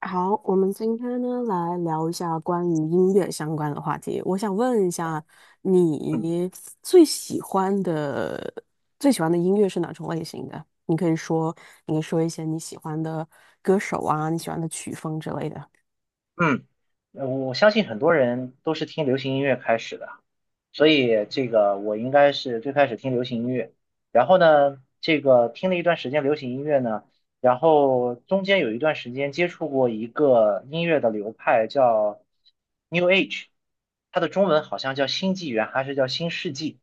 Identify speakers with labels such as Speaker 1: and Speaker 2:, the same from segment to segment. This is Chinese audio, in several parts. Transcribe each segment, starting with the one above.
Speaker 1: 好，我们今天呢来聊一下关于音乐相关的话题。我想问一下，
Speaker 2: 嗯
Speaker 1: 你最喜欢的最喜欢的音乐是哪种类型的？你可以说一些你喜欢的歌手啊，你喜欢的曲风之类的。
Speaker 2: 嗯，我相信很多人都是听流行音乐开始的，所以这个我应该是最开始听流行音乐，然后呢，这个听了一段时间流行音乐呢，然后中间有一段时间接触过一个音乐的流派叫 New Age，它的中文好像叫新纪元还是叫新世纪，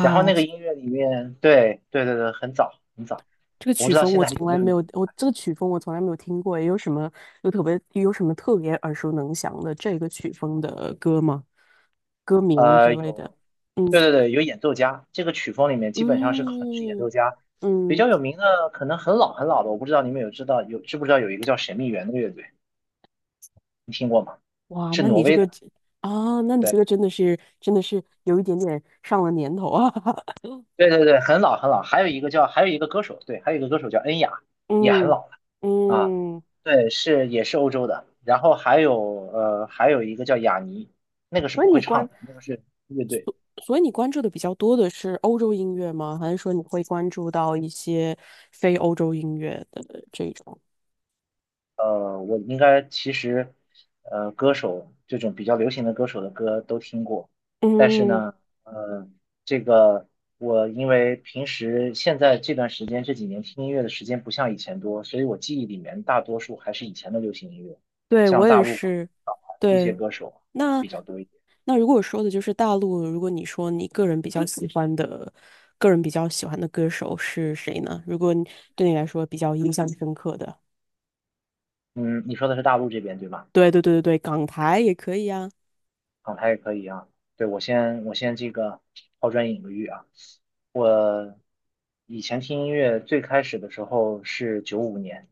Speaker 2: 然后那个
Speaker 1: 这
Speaker 2: 音乐里面，对对对对，很早很早，
Speaker 1: 这个
Speaker 2: 我不
Speaker 1: 曲
Speaker 2: 知道
Speaker 1: 风
Speaker 2: 现
Speaker 1: 我
Speaker 2: 在还
Speaker 1: 从
Speaker 2: 有没
Speaker 1: 来
Speaker 2: 有
Speaker 1: 没
Speaker 2: 那
Speaker 1: 有，
Speaker 2: 个。
Speaker 1: 我这个曲风我从来没有听过，有特别有什么特别耳熟能详的这个曲风的歌吗？歌名之类的？
Speaker 2: 有，
Speaker 1: 嗯
Speaker 2: 对对对，有演奏家，这个曲风里面基本上是很是演
Speaker 1: 嗯
Speaker 2: 奏家，比
Speaker 1: 嗯。
Speaker 2: 较有名的可能很老很老的，我不知道你们有知道有知不知道有一个叫神秘园的乐队，你听过吗？
Speaker 1: 哇，
Speaker 2: 是
Speaker 1: 那
Speaker 2: 挪
Speaker 1: 你这
Speaker 2: 威
Speaker 1: 个
Speaker 2: 的，
Speaker 1: 真啊，那你这
Speaker 2: 对
Speaker 1: 个真的是有一点点上了年头啊。
Speaker 2: 对对对，很老很老，还有一个歌手，对，还有一个歌手叫恩雅，也很
Speaker 1: 嗯
Speaker 2: 老了啊，
Speaker 1: 嗯，
Speaker 2: 对，是也是欧洲的，然后还有一个叫雅尼，那个是
Speaker 1: 所以
Speaker 2: 不会
Speaker 1: 你
Speaker 2: 唱
Speaker 1: 关，
Speaker 2: 的，那个是乐队。
Speaker 1: 所以你关注的比较多的是欧洲音乐吗？还是说你会关注到一些非欧洲音乐的这种？
Speaker 2: 我应该其实，歌手这种比较流行的歌手的歌都听过，但是
Speaker 1: 嗯，
Speaker 2: 呢，呃，这个我因为平时现在这段时间这几年听音乐的时间不像以前多，所以我记忆里面大多数还是以前的流行音乐，
Speaker 1: 对，我
Speaker 2: 像大
Speaker 1: 也
Speaker 2: 陆港
Speaker 1: 是。
Speaker 2: 台这
Speaker 1: 对，
Speaker 2: 些歌手啊
Speaker 1: 那
Speaker 2: 比较多一点。
Speaker 1: 那如果说的就是大陆，如果你说你个人比较喜欢的，歌手是谁呢？如果你对你来说比较印象深刻的。
Speaker 2: 嗯，你说的是大陆这边对吗？
Speaker 1: 对对对对对，港台也可以啊。
Speaker 2: 状态也可以啊。对，我先这个抛砖引玉啊。我以前听音乐最开始的时候是九五年，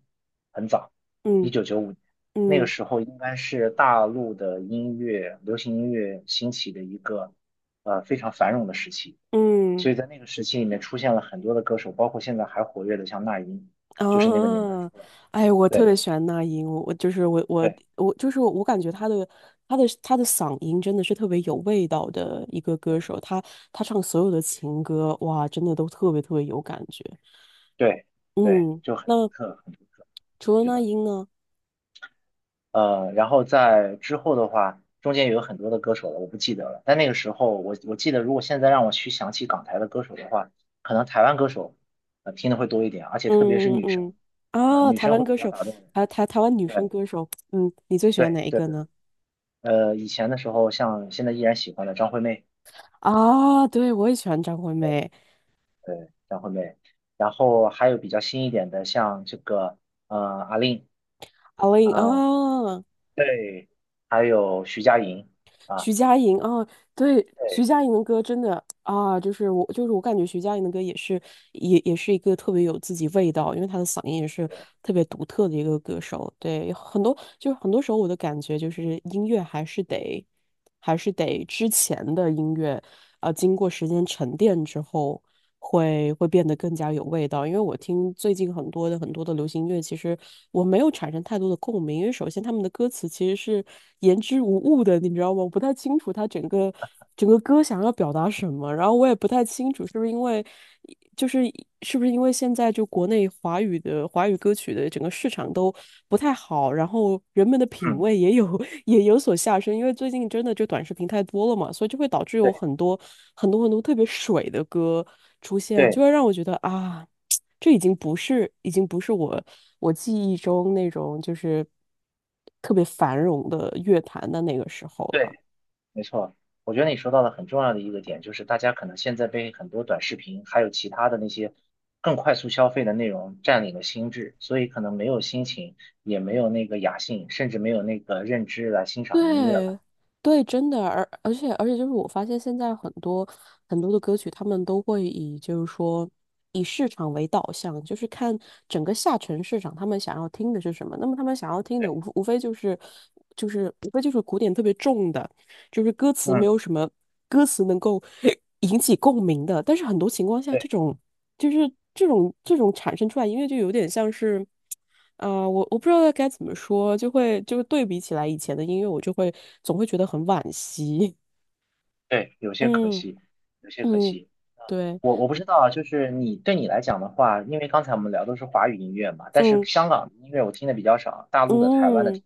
Speaker 2: 很早，一
Speaker 1: 嗯
Speaker 2: 九九五年，那个
Speaker 1: 嗯
Speaker 2: 时候应该是大陆的音乐，流行音乐兴起的一个非常繁荣的时期。
Speaker 1: 嗯
Speaker 2: 所以在那个时期里面出现了很多的歌手，包括现在还活跃的像那英，就是那个年代
Speaker 1: 啊，
Speaker 2: 出来的。
Speaker 1: 哎，我特
Speaker 2: 对
Speaker 1: 别喜欢那英，我就是我我
Speaker 2: 对
Speaker 1: 我就是我感觉她的嗓音真的是特别有味道的一个歌
Speaker 2: 对
Speaker 1: 手，她唱所有的情歌，哇，真的都特别特别有感觉。
Speaker 2: 对对，
Speaker 1: 嗯，
Speaker 2: 就很独
Speaker 1: 那
Speaker 2: 特，很独特。
Speaker 1: 除了
Speaker 2: 是
Speaker 1: 那
Speaker 2: 的。
Speaker 1: 英呢？
Speaker 2: 然后在之后的话，中间有很多的歌手了，我不记得了。但那个时候，我记得，如果现在让我去想起港台的歌手的话，可能台湾歌手，听的会多一点，而且特别是
Speaker 1: 嗯
Speaker 2: 女
Speaker 1: 嗯
Speaker 2: 生，啊、
Speaker 1: 嗯啊，
Speaker 2: 女
Speaker 1: 台
Speaker 2: 生
Speaker 1: 湾
Speaker 2: 会比
Speaker 1: 歌
Speaker 2: 较
Speaker 1: 手，
Speaker 2: 打动人。
Speaker 1: 台湾女生
Speaker 2: 对
Speaker 1: 歌手，嗯，你最喜欢
Speaker 2: 对
Speaker 1: 哪一
Speaker 2: 对
Speaker 1: 个
Speaker 2: 对，
Speaker 1: 呢？
Speaker 2: 以前的时候，像现在依然喜欢的张惠妹，
Speaker 1: 啊，对，我也喜欢张惠妹，
Speaker 2: 对，张惠妹，然后还有比较新一点的，像这个，阿令
Speaker 1: 阿令
Speaker 2: 啊、
Speaker 1: 啊。
Speaker 2: 对，还有徐佳莹啊，
Speaker 1: 徐佳莹啊，对，徐
Speaker 2: 对
Speaker 1: 佳莹的歌真的啊，就是我感觉徐佳莹的歌也是，也是一个特别有自己味道，因为她的嗓音也是
Speaker 2: 对，
Speaker 1: 特别独特的一个歌手。对，很多就是很多时候我的感觉就是音乐还是得之前的音乐，啊，经过时间沉淀之后。会变得更加有味道。因为我听最近很多的流行音乐，其实我没有产生太多的共鸣，因为首先他们的歌词其实是言之无物的，你知道吗？我不太清楚他整个歌想要表达什么，然后我也不太清楚是不是因为。就是是不是因为现在就国内华语歌曲的整个市场都不太好，然后人们的品
Speaker 2: 嗯，
Speaker 1: 味也有 也有所下升，因为最近真的就短视频太多了嘛，所以就会导致有
Speaker 2: 对
Speaker 1: 很多很多特别水的歌出现，就
Speaker 2: 对。
Speaker 1: 会让我觉得啊，这已经不是已经不是我记忆中那种就是特别繁荣的乐坛的那个时候了。
Speaker 2: 对，没错，我觉得你说到了很重要的一个点，就是大家可能现在被很多短视频，还有其他的那些更快速消费的内容占领了心智，所以可能没有心情，也没有那个雅兴，甚至没有那个认知来欣赏音乐了。
Speaker 1: 对，对，真的，而且就是我发现现在很多很多的歌曲，他们都会以就是说以市场为导向，就是看整个下沉市场他们想要听的是什么。那么他们想要听的
Speaker 2: 对，
Speaker 1: 无非就是古典特别重的，就是歌词没
Speaker 2: 嗯，
Speaker 1: 有什么歌词能够 引起共鸣的，但是很多情况下，
Speaker 2: 对
Speaker 1: 这种产生出来音乐就有点像是，啊、我不知道该怎么说，就是对比起来以前的音乐，我总会觉得很惋惜。
Speaker 2: 对，有 些可
Speaker 1: 嗯
Speaker 2: 惜，有些可
Speaker 1: 嗯，
Speaker 2: 惜。
Speaker 1: 对，
Speaker 2: 我不知道啊，就是你来讲的话，因为刚才我们聊都是华语音乐嘛，但是
Speaker 1: 嗯
Speaker 2: 香港的音乐我听的比较少，大陆的、台湾的听，
Speaker 1: 嗯。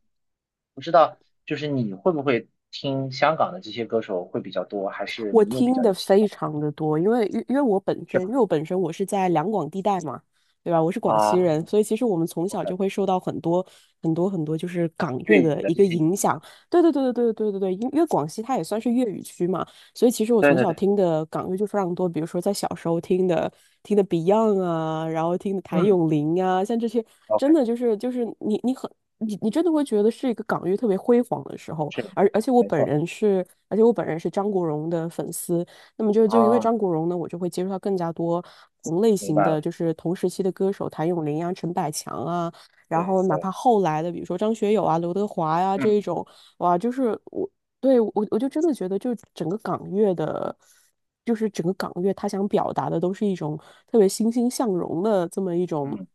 Speaker 2: 不知道就是你会不会听香港的这些歌手会比较多，还是
Speaker 1: 我
Speaker 2: 你又比
Speaker 1: 听
Speaker 2: 较
Speaker 1: 的
Speaker 2: 有习
Speaker 1: 非
Speaker 2: 惯，
Speaker 1: 常的多，因为我本
Speaker 2: 是
Speaker 1: 身，
Speaker 2: 吧？
Speaker 1: 我是在两广地带嘛，对吧？我是广西
Speaker 2: 啊
Speaker 1: 人，所以其实我们从小
Speaker 2: ，OK，
Speaker 1: 就会受到很多很多就是港
Speaker 2: 粤
Speaker 1: 乐
Speaker 2: 语
Speaker 1: 的
Speaker 2: 的
Speaker 1: 一
Speaker 2: 这
Speaker 1: 个
Speaker 2: 些
Speaker 1: 影
Speaker 2: 音乐
Speaker 1: 响。
Speaker 2: 啊，
Speaker 1: 对对对对对对对对，因为广西它也算是粤语区嘛，所以其实我
Speaker 2: 对
Speaker 1: 从
Speaker 2: 对
Speaker 1: 小
Speaker 2: 对，
Speaker 1: 听的港乐就非常多，比如说在小时候听的 Beyond 啊，然后听的谭
Speaker 2: 嗯
Speaker 1: 咏麟啊，像这些
Speaker 2: ，OK，
Speaker 1: 真的就是你很你真的会觉得是一个港乐特别辉煌的时候，
Speaker 2: 是，没错，
Speaker 1: 而且我本人是张国荣的粉丝，那么就因为
Speaker 2: 啊，
Speaker 1: 张国荣呢，我就会接触到更加多同类
Speaker 2: 明
Speaker 1: 型
Speaker 2: 白
Speaker 1: 的，
Speaker 2: 了，
Speaker 1: 就是同时期的歌手，谭咏麟啊、陈百强啊，然后
Speaker 2: 对
Speaker 1: 哪怕
Speaker 2: 对，
Speaker 1: 后来的，比如说张学友啊、刘德华呀、这一
Speaker 2: 嗯
Speaker 1: 种，哇，就是我就真的觉得，就是整个港乐，他想表达的都是一种特别欣欣向荣的这么一种。
Speaker 2: 嗯，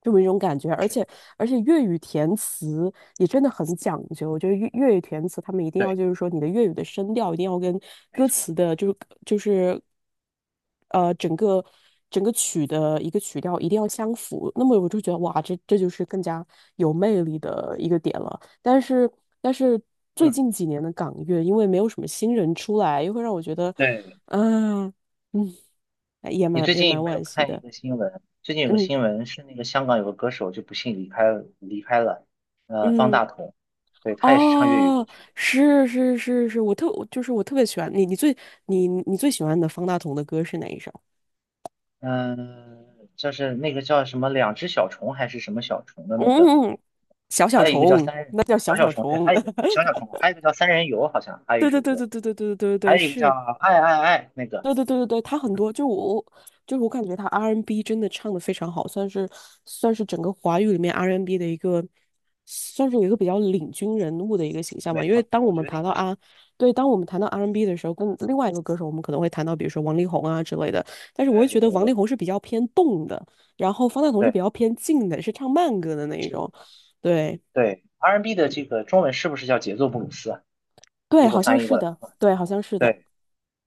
Speaker 1: 这么一种感觉，
Speaker 2: 是，
Speaker 1: 而且粤语填词也真的很讲究，就是粤语填词，他们一定要
Speaker 2: 对，
Speaker 1: 就是说你的粤语的声调一定要跟
Speaker 2: 没
Speaker 1: 歌
Speaker 2: 错，
Speaker 1: 词的，就是呃整个整个曲的一个曲调一定要相符。那么我就觉得哇，这就是更加有魅力的一个点了。但是最
Speaker 2: 嗯，
Speaker 1: 近几年的港乐，因为没有什么新人出来，又会让我觉得，
Speaker 2: 对。
Speaker 1: 嗯、嗯，
Speaker 2: 你最
Speaker 1: 也
Speaker 2: 近
Speaker 1: 蛮
Speaker 2: 有没有
Speaker 1: 惋惜
Speaker 2: 看一
Speaker 1: 的。
Speaker 2: 个新闻？最近有个
Speaker 1: 嗯
Speaker 2: 新闻是那个香港有个歌手就不幸离开了，方
Speaker 1: 嗯。
Speaker 2: 大同，对，他也是唱粤语歌
Speaker 1: 哦，
Speaker 2: 曲的，
Speaker 1: 是是是是，我就是我特别喜欢你，你最喜欢的方大同的歌是哪一首？
Speaker 2: 嗯、就是那个叫什么两只小虫还是什么小虫的那个，
Speaker 1: 嗯，小
Speaker 2: 还有一个叫
Speaker 1: 虫，
Speaker 2: 三人
Speaker 1: 那叫小
Speaker 2: 小小
Speaker 1: 小
Speaker 2: 虫，对，
Speaker 1: 虫。
Speaker 2: 还有一个小小 虫，还有一个叫三人游，好像还有一
Speaker 1: 对对
Speaker 2: 首
Speaker 1: 对
Speaker 2: 歌，
Speaker 1: 对对对对对对
Speaker 2: 还
Speaker 1: 对，
Speaker 2: 有一个叫
Speaker 1: 是。
Speaker 2: 爱爱爱那个，
Speaker 1: 对对对对对，他很多就是我感觉他 R&B n 真的唱的非常好，算是整个华语里面 R&B n 的一个有一个比较领军人物的一个形象
Speaker 2: 没
Speaker 1: 吧。因为
Speaker 2: 错，
Speaker 1: 当我
Speaker 2: 我
Speaker 1: 们
Speaker 2: 觉得
Speaker 1: 谈
Speaker 2: 应
Speaker 1: 到
Speaker 2: 该是，
Speaker 1: 啊，对，当我们谈到 R&B n 的时候，跟另外一个歌手，我们可能会谈到比如说王力宏啊之类的，但是我会
Speaker 2: 对
Speaker 1: 觉得
Speaker 2: 对
Speaker 1: 王力
Speaker 2: 对
Speaker 1: 宏是比较偏动的，然后方大同是比
Speaker 2: 对，
Speaker 1: 较偏静的，是唱慢歌的那一
Speaker 2: 是，
Speaker 1: 种。对
Speaker 2: 对，R&B n 的这个中文是不是叫节奏布鲁斯啊？
Speaker 1: 对，
Speaker 2: 如果
Speaker 1: 好像
Speaker 2: 翻译过
Speaker 1: 是
Speaker 2: 来的
Speaker 1: 的，
Speaker 2: 话，
Speaker 1: 对，好像是的。
Speaker 2: 对。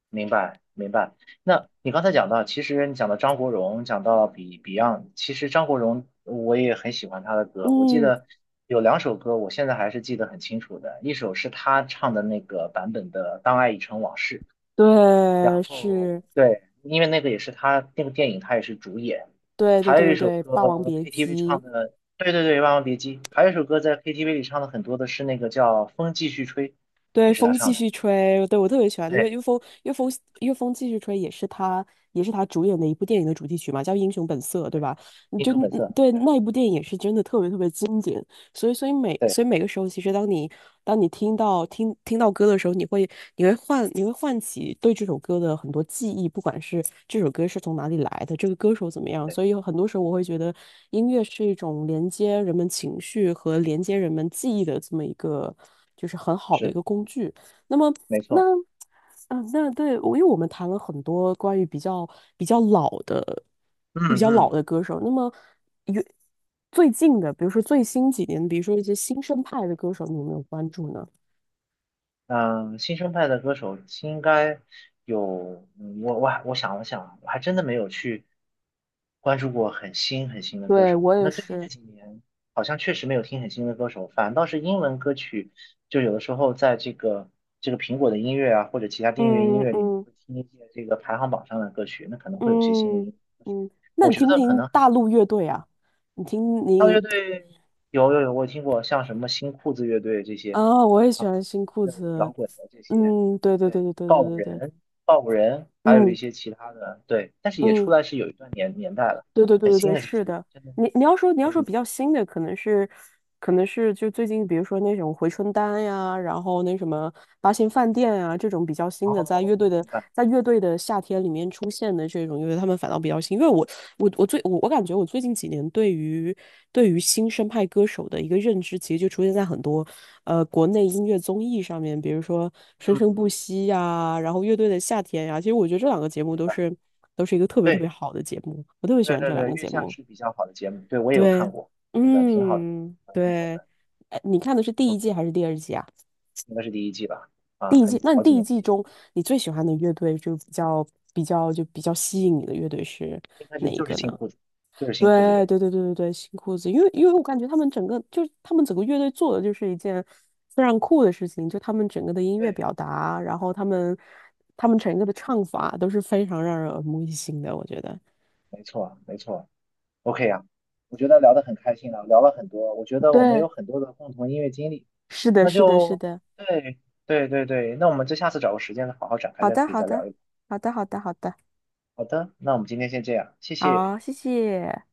Speaker 2: 明白，明白。那你刚才讲到，其实你讲到张国荣，讲到 Beyond，其实张国荣我也很喜欢他的歌。我记
Speaker 1: 嗯，
Speaker 2: 得有两首歌，我现在还是记得很清楚的。一首是他唱的那个版本的《当爱已成往事》，
Speaker 1: 对，
Speaker 2: 然
Speaker 1: 是，
Speaker 2: 后对，因为那个也是他那个电影，他也是主演。
Speaker 1: 对对
Speaker 2: 还
Speaker 1: 对
Speaker 2: 有一
Speaker 1: 对
Speaker 2: 首
Speaker 1: 对，《霸王
Speaker 2: 歌
Speaker 1: 别
Speaker 2: KTV
Speaker 1: 姬》，
Speaker 2: 唱的，对对对，《万万别姬》。还有一首歌在 KTV 里唱的很多的是那个叫《风继续吹》，
Speaker 1: 对，
Speaker 2: 也是
Speaker 1: 风
Speaker 2: 他
Speaker 1: 继
Speaker 2: 唱的。
Speaker 1: 续吹，对，我特别喜欢，
Speaker 2: 对
Speaker 1: 因为风继续吹也是他，也是他主演的一部电影的主题曲嘛，叫《英雄本色》，对
Speaker 2: 对，
Speaker 1: 吧？
Speaker 2: 英雄本
Speaker 1: 嗯，
Speaker 2: 色。
Speaker 1: 对
Speaker 2: 对。
Speaker 1: 那一部电影也是真的特别特别经典，
Speaker 2: 对。
Speaker 1: 所以每个时候，其实当你听到歌的时候，你会唤起对这首歌的很多记忆，不管是这首歌是从哪里来的，这个歌手怎么样。
Speaker 2: 对，
Speaker 1: 所以有很多时候，我会觉得音乐是一种连接人们情绪和连接人们记忆的这么一个，就是很好的一
Speaker 2: 是
Speaker 1: 个工具。那么
Speaker 2: 没
Speaker 1: 那
Speaker 2: 错。
Speaker 1: 嗯，呃那对，我因为我们谈了很多关于比较老的、
Speaker 2: 嗯
Speaker 1: 比较老
Speaker 2: 嗯，
Speaker 1: 的歌手。那么，有最近的，比如说最新几年，比如说一些新生派的歌手，你有没有关注呢？
Speaker 2: 嗯，新生代的歌手应该有，嗯我想了想，我还真的没有去关注过很新很新的歌
Speaker 1: 对，
Speaker 2: 手。
Speaker 1: 我也
Speaker 2: 那最近这
Speaker 1: 是。
Speaker 2: 几年好像确实没有听很新的歌手，反倒是英文歌曲，就有的时候在这个苹果的音乐啊，或者其他订阅音
Speaker 1: 嗯
Speaker 2: 乐里面
Speaker 1: 嗯
Speaker 2: 会听一些这个排行榜上的歌曲，那可能会有些新的
Speaker 1: 嗯
Speaker 2: 音。
Speaker 1: 嗯，那
Speaker 2: 我
Speaker 1: 你
Speaker 2: 觉
Speaker 1: 听不
Speaker 2: 得可
Speaker 1: 听
Speaker 2: 能还
Speaker 1: 大
Speaker 2: 是，
Speaker 1: 陆乐队啊？你听
Speaker 2: 那
Speaker 1: 你
Speaker 2: 乐队有有有，我听过像什么新裤子乐队这些，
Speaker 1: 啊，我也喜欢
Speaker 2: 啊，
Speaker 1: 新裤
Speaker 2: 个人摇
Speaker 1: 子。
Speaker 2: 滚的这些，
Speaker 1: 嗯，对对
Speaker 2: 对，
Speaker 1: 对
Speaker 2: 嗯
Speaker 1: 对对对对对，
Speaker 2: 告五人，还有一
Speaker 1: 嗯
Speaker 2: 些其他的，对，但是也出
Speaker 1: 嗯。
Speaker 2: 来是有一段年代了，
Speaker 1: 对对对
Speaker 2: 很
Speaker 1: 对
Speaker 2: 新
Speaker 1: 对，
Speaker 2: 的这
Speaker 1: 是
Speaker 2: 些
Speaker 1: 的。
Speaker 2: 真的
Speaker 1: 你要
Speaker 2: 没
Speaker 1: 说
Speaker 2: 有。
Speaker 1: 比较新的，可能是就最近，比如说那种回春丹呀，然后那什么八仙饭店啊这种比较新的，
Speaker 2: 哦，明白，
Speaker 1: 在乐队的夏天里面出现的这种乐队，他们反倒比较新。因为我感觉我最近几年对于新生派歌手的一个认知，其实就出现在很多国内音乐综艺上面，比如说《生生
Speaker 2: 嗯，
Speaker 1: 不息》呀，然后《乐队的夏天》呀。其实我觉得这两个节目
Speaker 2: 明白，
Speaker 1: 都是一个特别特别
Speaker 2: 对，
Speaker 1: 好的节目，我特别喜
Speaker 2: 对
Speaker 1: 欢
Speaker 2: 对
Speaker 1: 这两
Speaker 2: 对，
Speaker 1: 个
Speaker 2: 月
Speaker 1: 节
Speaker 2: 下
Speaker 1: 目。
Speaker 2: 是比较好的节目，对我也有
Speaker 1: 对，
Speaker 2: 看过，是的，挺好的，
Speaker 1: 嗯，
Speaker 2: 啊，挺好
Speaker 1: 对，
Speaker 2: 的
Speaker 1: 你看的是第一季
Speaker 2: ，OK，
Speaker 1: 还是第二季啊？
Speaker 2: 应该是第一季吧，
Speaker 1: 第
Speaker 2: 啊，
Speaker 1: 一季，
Speaker 2: 很
Speaker 1: 那你
Speaker 2: 好几
Speaker 1: 第一
Speaker 2: 年
Speaker 1: 季
Speaker 2: 前，
Speaker 1: 中你最喜欢的乐队就比较吸引你的乐队是
Speaker 2: 应该
Speaker 1: 哪
Speaker 2: 是
Speaker 1: 一
Speaker 2: 就是
Speaker 1: 个
Speaker 2: 新
Speaker 1: 呢？
Speaker 2: 裤子，就是新裤子乐
Speaker 1: 对
Speaker 2: 队，
Speaker 1: 对对对对对，新裤子，因为我感觉他们整个乐队做的就是一件非常酷的事情，就他们整个的音乐
Speaker 2: 对，
Speaker 1: 表达，然后他们整个的唱法都是非常让人耳目一新的，我觉得。
Speaker 2: 没错，没错。OK 啊，我觉得聊得很开心了，聊了很多，我觉得我们
Speaker 1: 对，
Speaker 2: 有很多的共同音乐经历，
Speaker 1: 是的，
Speaker 2: 那
Speaker 1: 是的，是
Speaker 2: 就
Speaker 1: 的。
Speaker 2: 对对对对，那我们就下次找个时间再好好展开，
Speaker 1: 好
Speaker 2: 再
Speaker 1: 的，
Speaker 2: 可以
Speaker 1: 好
Speaker 2: 再聊
Speaker 1: 的，
Speaker 2: 一聊。
Speaker 1: 好的，好的，好的。
Speaker 2: 好的，那我们今天先这样，谢谢。
Speaker 1: 好，谢谢。